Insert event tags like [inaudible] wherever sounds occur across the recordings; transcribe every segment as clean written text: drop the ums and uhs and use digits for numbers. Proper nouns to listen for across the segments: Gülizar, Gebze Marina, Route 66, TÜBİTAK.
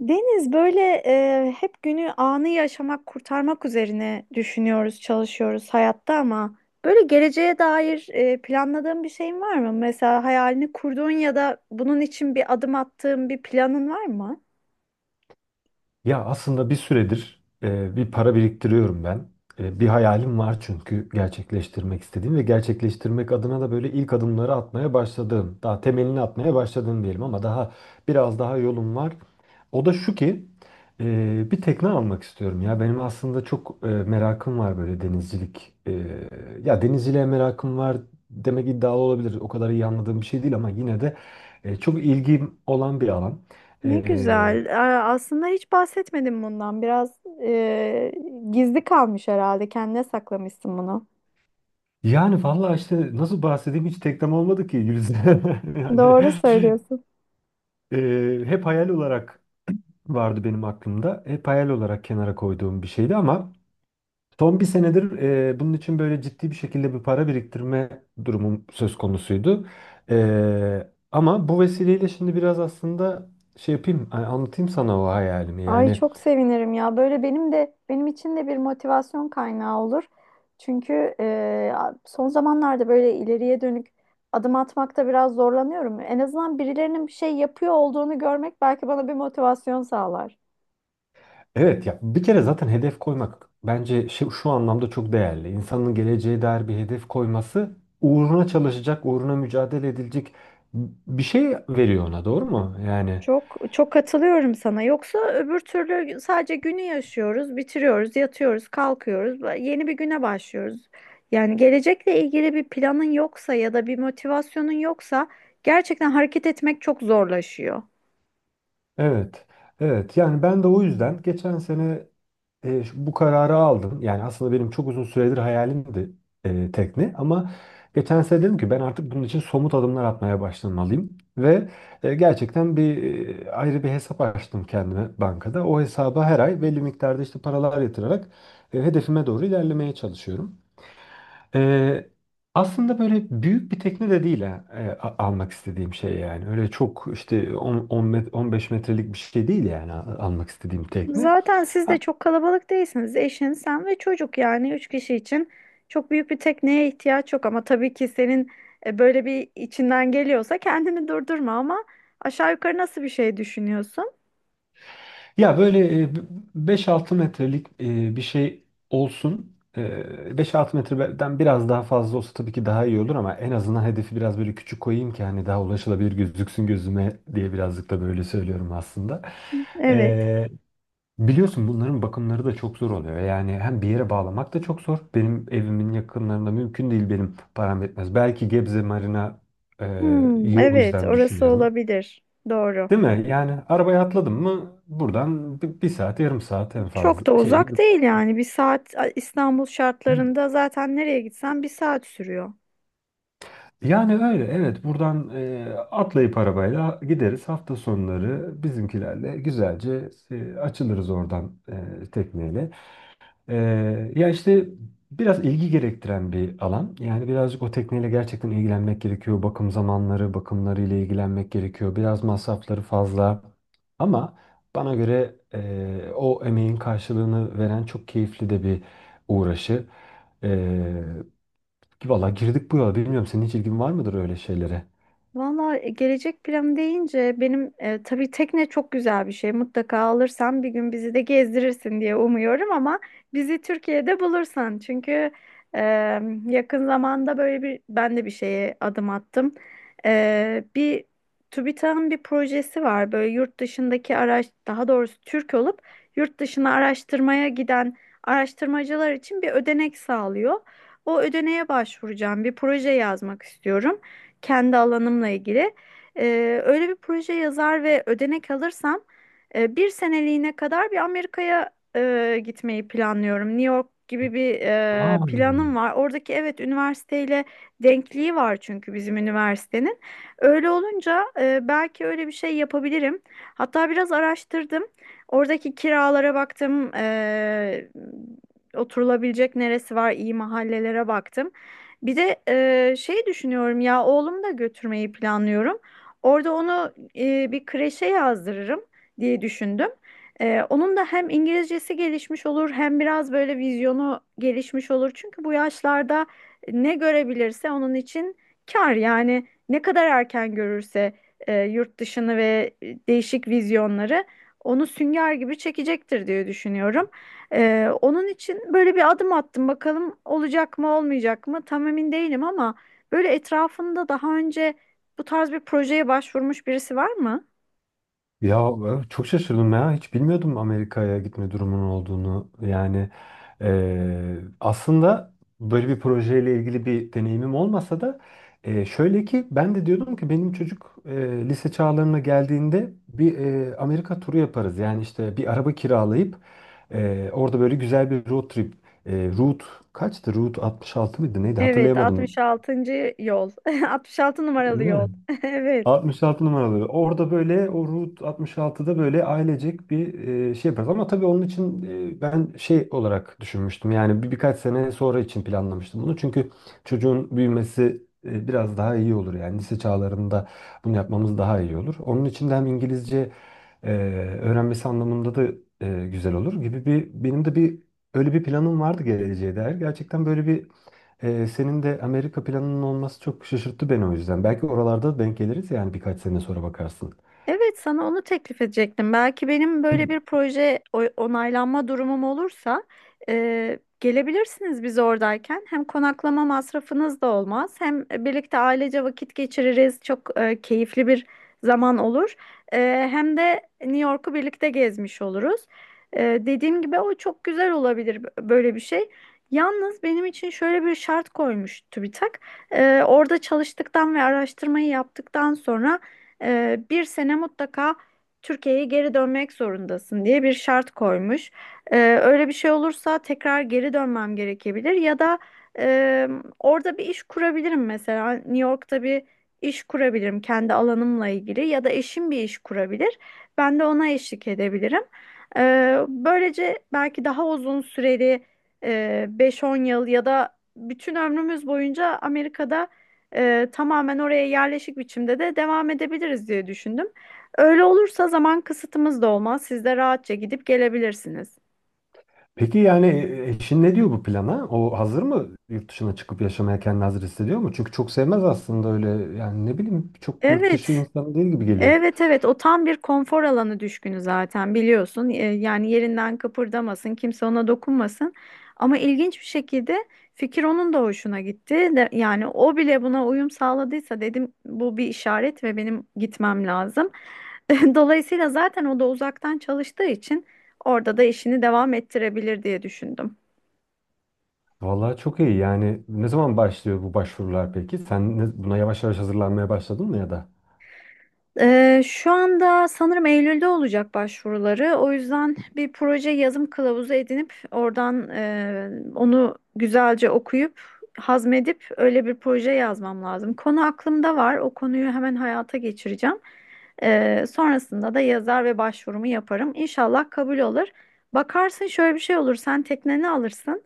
Deniz böyle hep günü anı yaşamak, kurtarmak üzerine düşünüyoruz, çalışıyoruz hayatta ama böyle geleceğe dair planladığın bir şeyin var mı? Mesela hayalini kurduğun ya da bunun için bir adım attığın bir planın var mı? Ya aslında bir süredir bir para biriktiriyorum ben. Bir hayalim var çünkü gerçekleştirmek istediğim ve gerçekleştirmek adına da böyle ilk adımları atmaya başladığım, daha temelini atmaya başladığım diyelim ama daha yolum var. O da şu ki e, bir tekne almak istiyorum ya. Benim aslında çok merakım var böyle denizcilik. Ya denizciliğe merakım var demek iddialı olabilir. O kadar iyi anladığım bir şey değil ama yine de çok ilgim olan bir alan. Ne E, güzel. Aa, aslında hiç bahsetmedim bundan. Biraz gizli kalmış herhalde. Kendine saklamışsın bunu. Yani vallahi işte nasıl bahsedeyim hiç teklem olmadı ki Gülizar. [laughs] Yani Doğru söylüyorsun. Hep hayal olarak vardı benim aklımda. Hep hayal olarak kenara koyduğum bir şeydi ama son bir senedir bunun için böyle ciddi bir şekilde bir para biriktirme durumum söz konusuydu. Ama bu vesileyle şimdi biraz aslında şey yapayım hani anlatayım sana o hayalimi. Ay Yani çok sevinirim ya. Böyle benim de benim için de bir motivasyon kaynağı olur. Çünkü son zamanlarda böyle ileriye dönük adım atmakta biraz zorlanıyorum. En azından birilerinin bir şey yapıyor olduğunu görmek belki bana bir motivasyon sağlar. evet ya bir kere zaten hedef koymak bence şu anlamda çok değerli. İnsanın geleceğe dair bir hedef koyması uğruna çalışacak, uğruna mücadele edilecek bir şey veriyor ona, doğru mu? Yani Çok çok katılıyorum sana. Yoksa öbür türlü sadece günü yaşıyoruz, bitiriyoruz, yatıyoruz, kalkıyoruz, yeni bir güne başlıyoruz. Yani gelecekle ilgili bir planın yoksa ya da bir motivasyonun yoksa gerçekten hareket etmek çok zorlaşıyor. evet. Evet yani ben de o yüzden geçen sene bu kararı aldım. Yani aslında benim çok uzun süredir hayalimdi tekne ama geçen sene dedim ki ben artık bunun için somut adımlar atmaya başlamalıyım ve gerçekten ayrı bir hesap açtım kendime bankada. O hesaba her ay belli miktarda işte paralar yatırarak hedefime doğru ilerlemeye çalışıyorum. E, Aslında böyle büyük bir tekne de değil ha, almak istediğim şey yani. Öyle çok işte 10, 15 metrelik bir şey değil yani almak istediğim tekne. Zaten siz de çok kalabalık değilsiniz. Eşin, sen ve çocuk yani üç kişi için çok büyük bir tekneye ihtiyaç yok ama tabii ki senin böyle bir içinden geliyorsa kendini durdurma ama aşağı yukarı nasıl bir şey düşünüyorsun? Ya böyle e, b- 5 metrelik bir şey olsun. E, 5-6 metreden biraz daha fazla olsa tabii ki daha iyi olur ama en azından hedefi biraz böyle küçük koyayım ki hani daha ulaşılabilir gözüksün gözüme diye birazcık da böyle söylüyorum aslında. Evet. E, Biliyorsun bunların bakımları da çok zor oluyor. Yani hem bir yere bağlamak da çok zor. Benim evimin yakınlarında mümkün değil, benim param yetmez. Belki Gebze Marina Hmm, iyi, o evet, yüzden orası düşünüyorum. olabilir. Doğru. Değil mi? Yani arabaya atladım mı buradan bir saat, yarım saat en Çok fazla da uzak değil yani. Bir saat İstanbul şartlarında zaten nereye gitsen bir saat sürüyor. Yani öyle, evet, buradan atlayıp arabayla gideriz hafta sonları bizimkilerle güzelce açılırız oradan, tekneyle. Ya işte biraz ilgi gerektiren bir alan. Yani birazcık o tekneyle gerçekten ilgilenmek gerekiyor. Bakım zamanları, bakımları ile ilgilenmek gerekiyor. Biraz masrafları fazla. Ama bana göre o emeğin karşılığını veren çok keyifli de bir uğraşı. Ee, Valla girdik bu yola. Bilmiyorum senin hiç ilgin var mıdır öyle şeylere? Valla gelecek planı deyince benim tabii tekne çok güzel bir şey. Mutlaka alırsan bir gün bizi de gezdirirsin diye umuyorum ama bizi Türkiye'de bulursan. Çünkü e, yakın zamanda böyle bir ben de bir şeye adım attım. E, bir TÜBİTAK'ın bir projesi var. Böyle yurt dışındaki araç daha doğrusu Türk olup yurt dışına araştırmaya giden araştırmacılar için bir ödenek sağlıyor. O ödeneğe başvuracağım. Bir proje yazmak istiyorum kendi alanımla ilgili. Öyle bir proje yazar ve ödenek alırsam bir seneliğine kadar bir Amerika'ya gitmeyi planlıyorum. New York gibi bir Aa, planım var. Oradaki evet üniversiteyle denkliği var çünkü bizim üniversitenin. Öyle olunca belki öyle bir şey yapabilirim. Hatta biraz araştırdım. Oradaki kiralara baktım. Oturulabilecek neresi var, iyi mahallelere baktım. Bir de şey düşünüyorum ya oğlumu da götürmeyi planlıyorum. Orada onu bir kreşe yazdırırım diye düşündüm. E, onun da hem İngilizcesi gelişmiş olur hem biraz böyle vizyonu gelişmiş olur. Çünkü bu yaşlarda ne görebilirse onun için kar yani ne kadar erken görürse yurt dışını ve değişik vizyonları onu sünger gibi çekecektir diye düşünüyorum. Onun için böyle bir adım attım. Bakalım olacak mı olmayacak mı tam emin değilim ama böyle etrafında daha önce bu tarz bir projeye başvurmuş birisi var mı? ya çok şaşırdım ya. Hiç bilmiyordum Amerika'ya gitme durumunun olduğunu. Aslında böyle bir projeyle ilgili bir deneyimim olmasa da şöyle ki ben de diyordum ki benim çocuk lise çağlarına geldiğinde bir Amerika turu yaparız. Yani işte bir araba kiralayıp orada böyle güzel bir road trip. E, Route kaçtı? Route 66 mıydı? Neydi? Evet, Hatırlayamadım. 66. yol. [laughs] 66 Değil numaralı yol. mi? [laughs] Evet. 66 numaraları. Orada böyle o Route 66'da böyle ailecek bir şey yaparız. Ama tabii onun için ben şey olarak düşünmüştüm. Yani birkaç sene sonra için planlamıştım bunu. Çünkü çocuğun büyümesi biraz daha iyi olur. Yani lise çağlarında bunu yapmamız daha iyi olur. Onun için de hem İngilizce e, öğrenmesi anlamında da güzel olur gibi benim de öyle bir planım vardı geleceğe dair. Gerçekten böyle bir senin de Amerika planının olması çok şaşırttı beni o yüzden. Belki oralarda denk geliriz yani birkaç sene sonra bakarsın. Evet, sana onu teklif edecektim. Belki benim böyle bir proje onaylanma durumum olursa gelebilirsiniz biz oradayken. Hem konaklama masrafınız da olmaz, hem birlikte ailece vakit geçiririz. Çok keyifli bir zaman olur. E, hem de New York'u birlikte gezmiş oluruz. E, dediğim gibi o çok güzel olabilir böyle bir şey. Yalnız benim için şöyle bir şart koymuş TÜBİTAK. E, orada çalıştıktan ve araştırmayı yaptıktan sonra bir sene mutlaka Türkiye'ye geri dönmek zorundasın diye bir şart koymuş. E, öyle bir şey olursa tekrar geri dönmem gerekebilir ya da e, orada bir iş kurabilirim mesela New York'ta bir iş kurabilirim kendi alanımla ilgili ya da eşim bir iş kurabilir. Ben de ona eşlik edebilirim. E, böylece belki daha uzun süreli 5-10 yıl ya da bütün ömrümüz boyunca Amerika'da tamamen oraya yerleşik biçimde de devam edebiliriz diye düşündüm. Öyle olursa zaman kısıtımız da olmaz. Siz de rahatça gidip gelebilirsiniz. Peki yani eşin ne diyor bu plana? O hazır mı, yurt dışına çıkıp yaşamaya kendini hazır hissediyor mu? Çünkü çok sevmez aslında öyle, yani ne bileyim, çok yurt dışı Evet. insanı değil gibi geliyor. Evet evet o tam bir konfor alanı düşkünü zaten biliyorsun. E, yani yerinden kıpırdamasın, kimse ona dokunmasın. Ama ilginç bir şekilde fikir onun da hoşuna gitti. Yani o bile buna uyum sağladıysa dedim bu bir işaret ve benim gitmem lazım. [laughs] Dolayısıyla zaten o da uzaktan çalıştığı için orada da işini devam ettirebilir diye düşündüm. Vallahi çok iyi, yani ne zaman başlıyor bu başvurular peki? Sen buna yavaş yavaş hazırlanmaya başladın mı ya da? Şu anda sanırım Eylül'de olacak başvuruları. O yüzden bir proje yazım kılavuzu edinip oradan onu güzelce okuyup hazmedip öyle bir proje yazmam lazım. Konu aklımda var. O konuyu hemen hayata geçireceğim. Sonrasında da yazar ve başvurumu yaparım. İnşallah kabul olur. Bakarsın şöyle bir şey olur. Sen tekneni alırsın.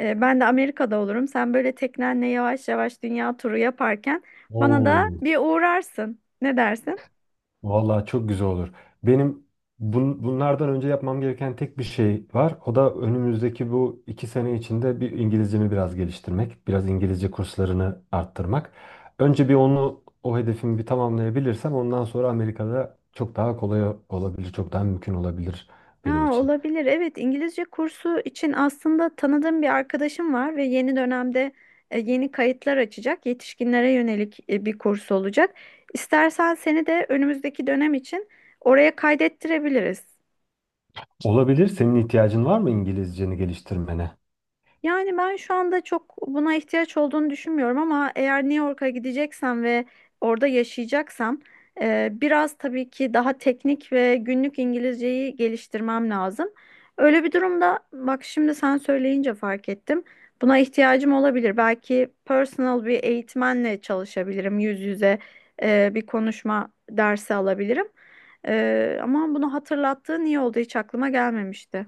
Ben de Amerika'da olurum. Sen böyle teknenle yavaş yavaş dünya turu yaparken bana da Oo. bir uğrarsın. Ne dersin? Vallahi çok güzel olur. Benim bunlardan önce yapmam gereken tek bir şey var. O da önümüzdeki bu iki sene içinde bir İngilizcemi biraz geliştirmek, biraz İngilizce kurslarını arttırmak. Önce bir onu, o hedefimi bir tamamlayabilirsem ondan sonra Amerika'da çok daha kolay olabilir, çok daha mümkün olabilir benim Ya için. olabilir. Evet, İngilizce kursu için aslında tanıdığım bir arkadaşım var ve yeni dönemde yeni kayıtlar açacak. Yetişkinlere yönelik bir kurs olacak. İstersen seni de önümüzdeki dönem için oraya kaydettirebiliriz. Olabilir. Senin ihtiyacın var mı İngilizceni geliştirmene? Yani ben şu anda çok buna ihtiyaç olduğunu düşünmüyorum ama eğer New York'a gideceksem ve orada yaşayacaksam biraz tabii ki daha teknik ve günlük İngilizceyi geliştirmem lazım. Öyle bir durumda bak şimdi sen söyleyince fark ettim. Buna ihtiyacım olabilir. Belki personal bir eğitmenle çalışabilirim. Yüz yüze bir konuşma dersi alabilirim. E, ama bunu hatırlattığın iyi oldu. Hiç aklıma gelmemişti.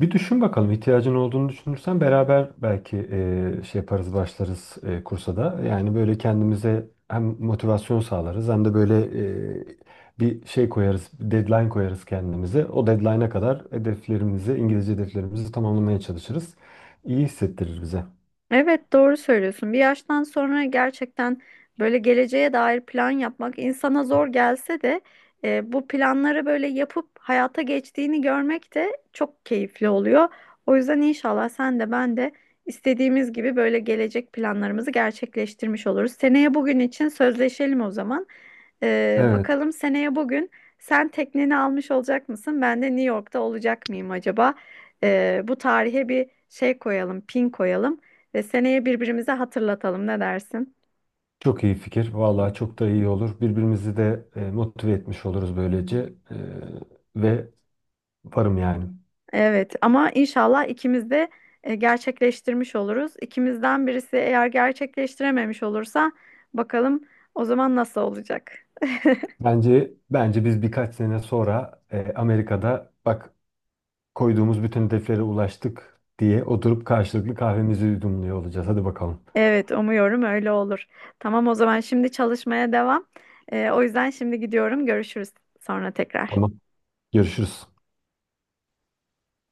Bir düşün bakalım, ihtiyacın olduğunu düşünürsen beraber belki şey yaparız, başlarız kursa da. Yani böyle kendimize hem motivasyon sağlarız hem de böyle e, bir şey koyarız, bir deadline koyarız kendimize. O deadline'a kadar hedeflerimizi, İngilizce hedeflerimizi tamamlamaya çalışırız. İyi hissettirir bize. Evet doğru söylüyorsun. Bir yaştan sonra gerçekten böyle geleceğe dair plan yapmak insana zor gelse de bu planları böyle yapıp hayata geçtiğini görmek de çok keyifli oluyor. O yüzden inşallah sen de ben de istediğimiz gibi böyle gelecek planlarımızı gerçekleştirmiş oluruz. Seneye bugün için sözleşelim o zaman. E, Evet. bakalım seneye bugün sen tekneni almış olacak mısın? Ben de New York'ta olacak mıyım acaba? E, bu tarihe bir şey koyalım, pin koyalım. E, seneye birbirimize hatırlatalım ne dersin? Çok iyi fikir. Vallahi çok da iyi olur. Birbirimizi de motive etmiş oluruz böylece. Ve varım yani. Evet ama inşallah ikimiz de gerçekleştirmiş oluruz. İkimizden birisi eğer gerçekleştirememiş olursa bakalım o zaman nasıl olacak? [laughs] Bence biz birkaç sene sonra Amerika'da bak koyduğumuz bütün hedeflere ulaştık diye oturup karşılıklı kahvemizi yudumluyor olacağız. Hadi bakalım. Evet umuyorum öyle olur. Tamam o zaman şimdi çalışmaya devam. E, o yüzden şimdi gidiyorum. Görüşürüz sonra tekrar. Tamam. Görüşürüz.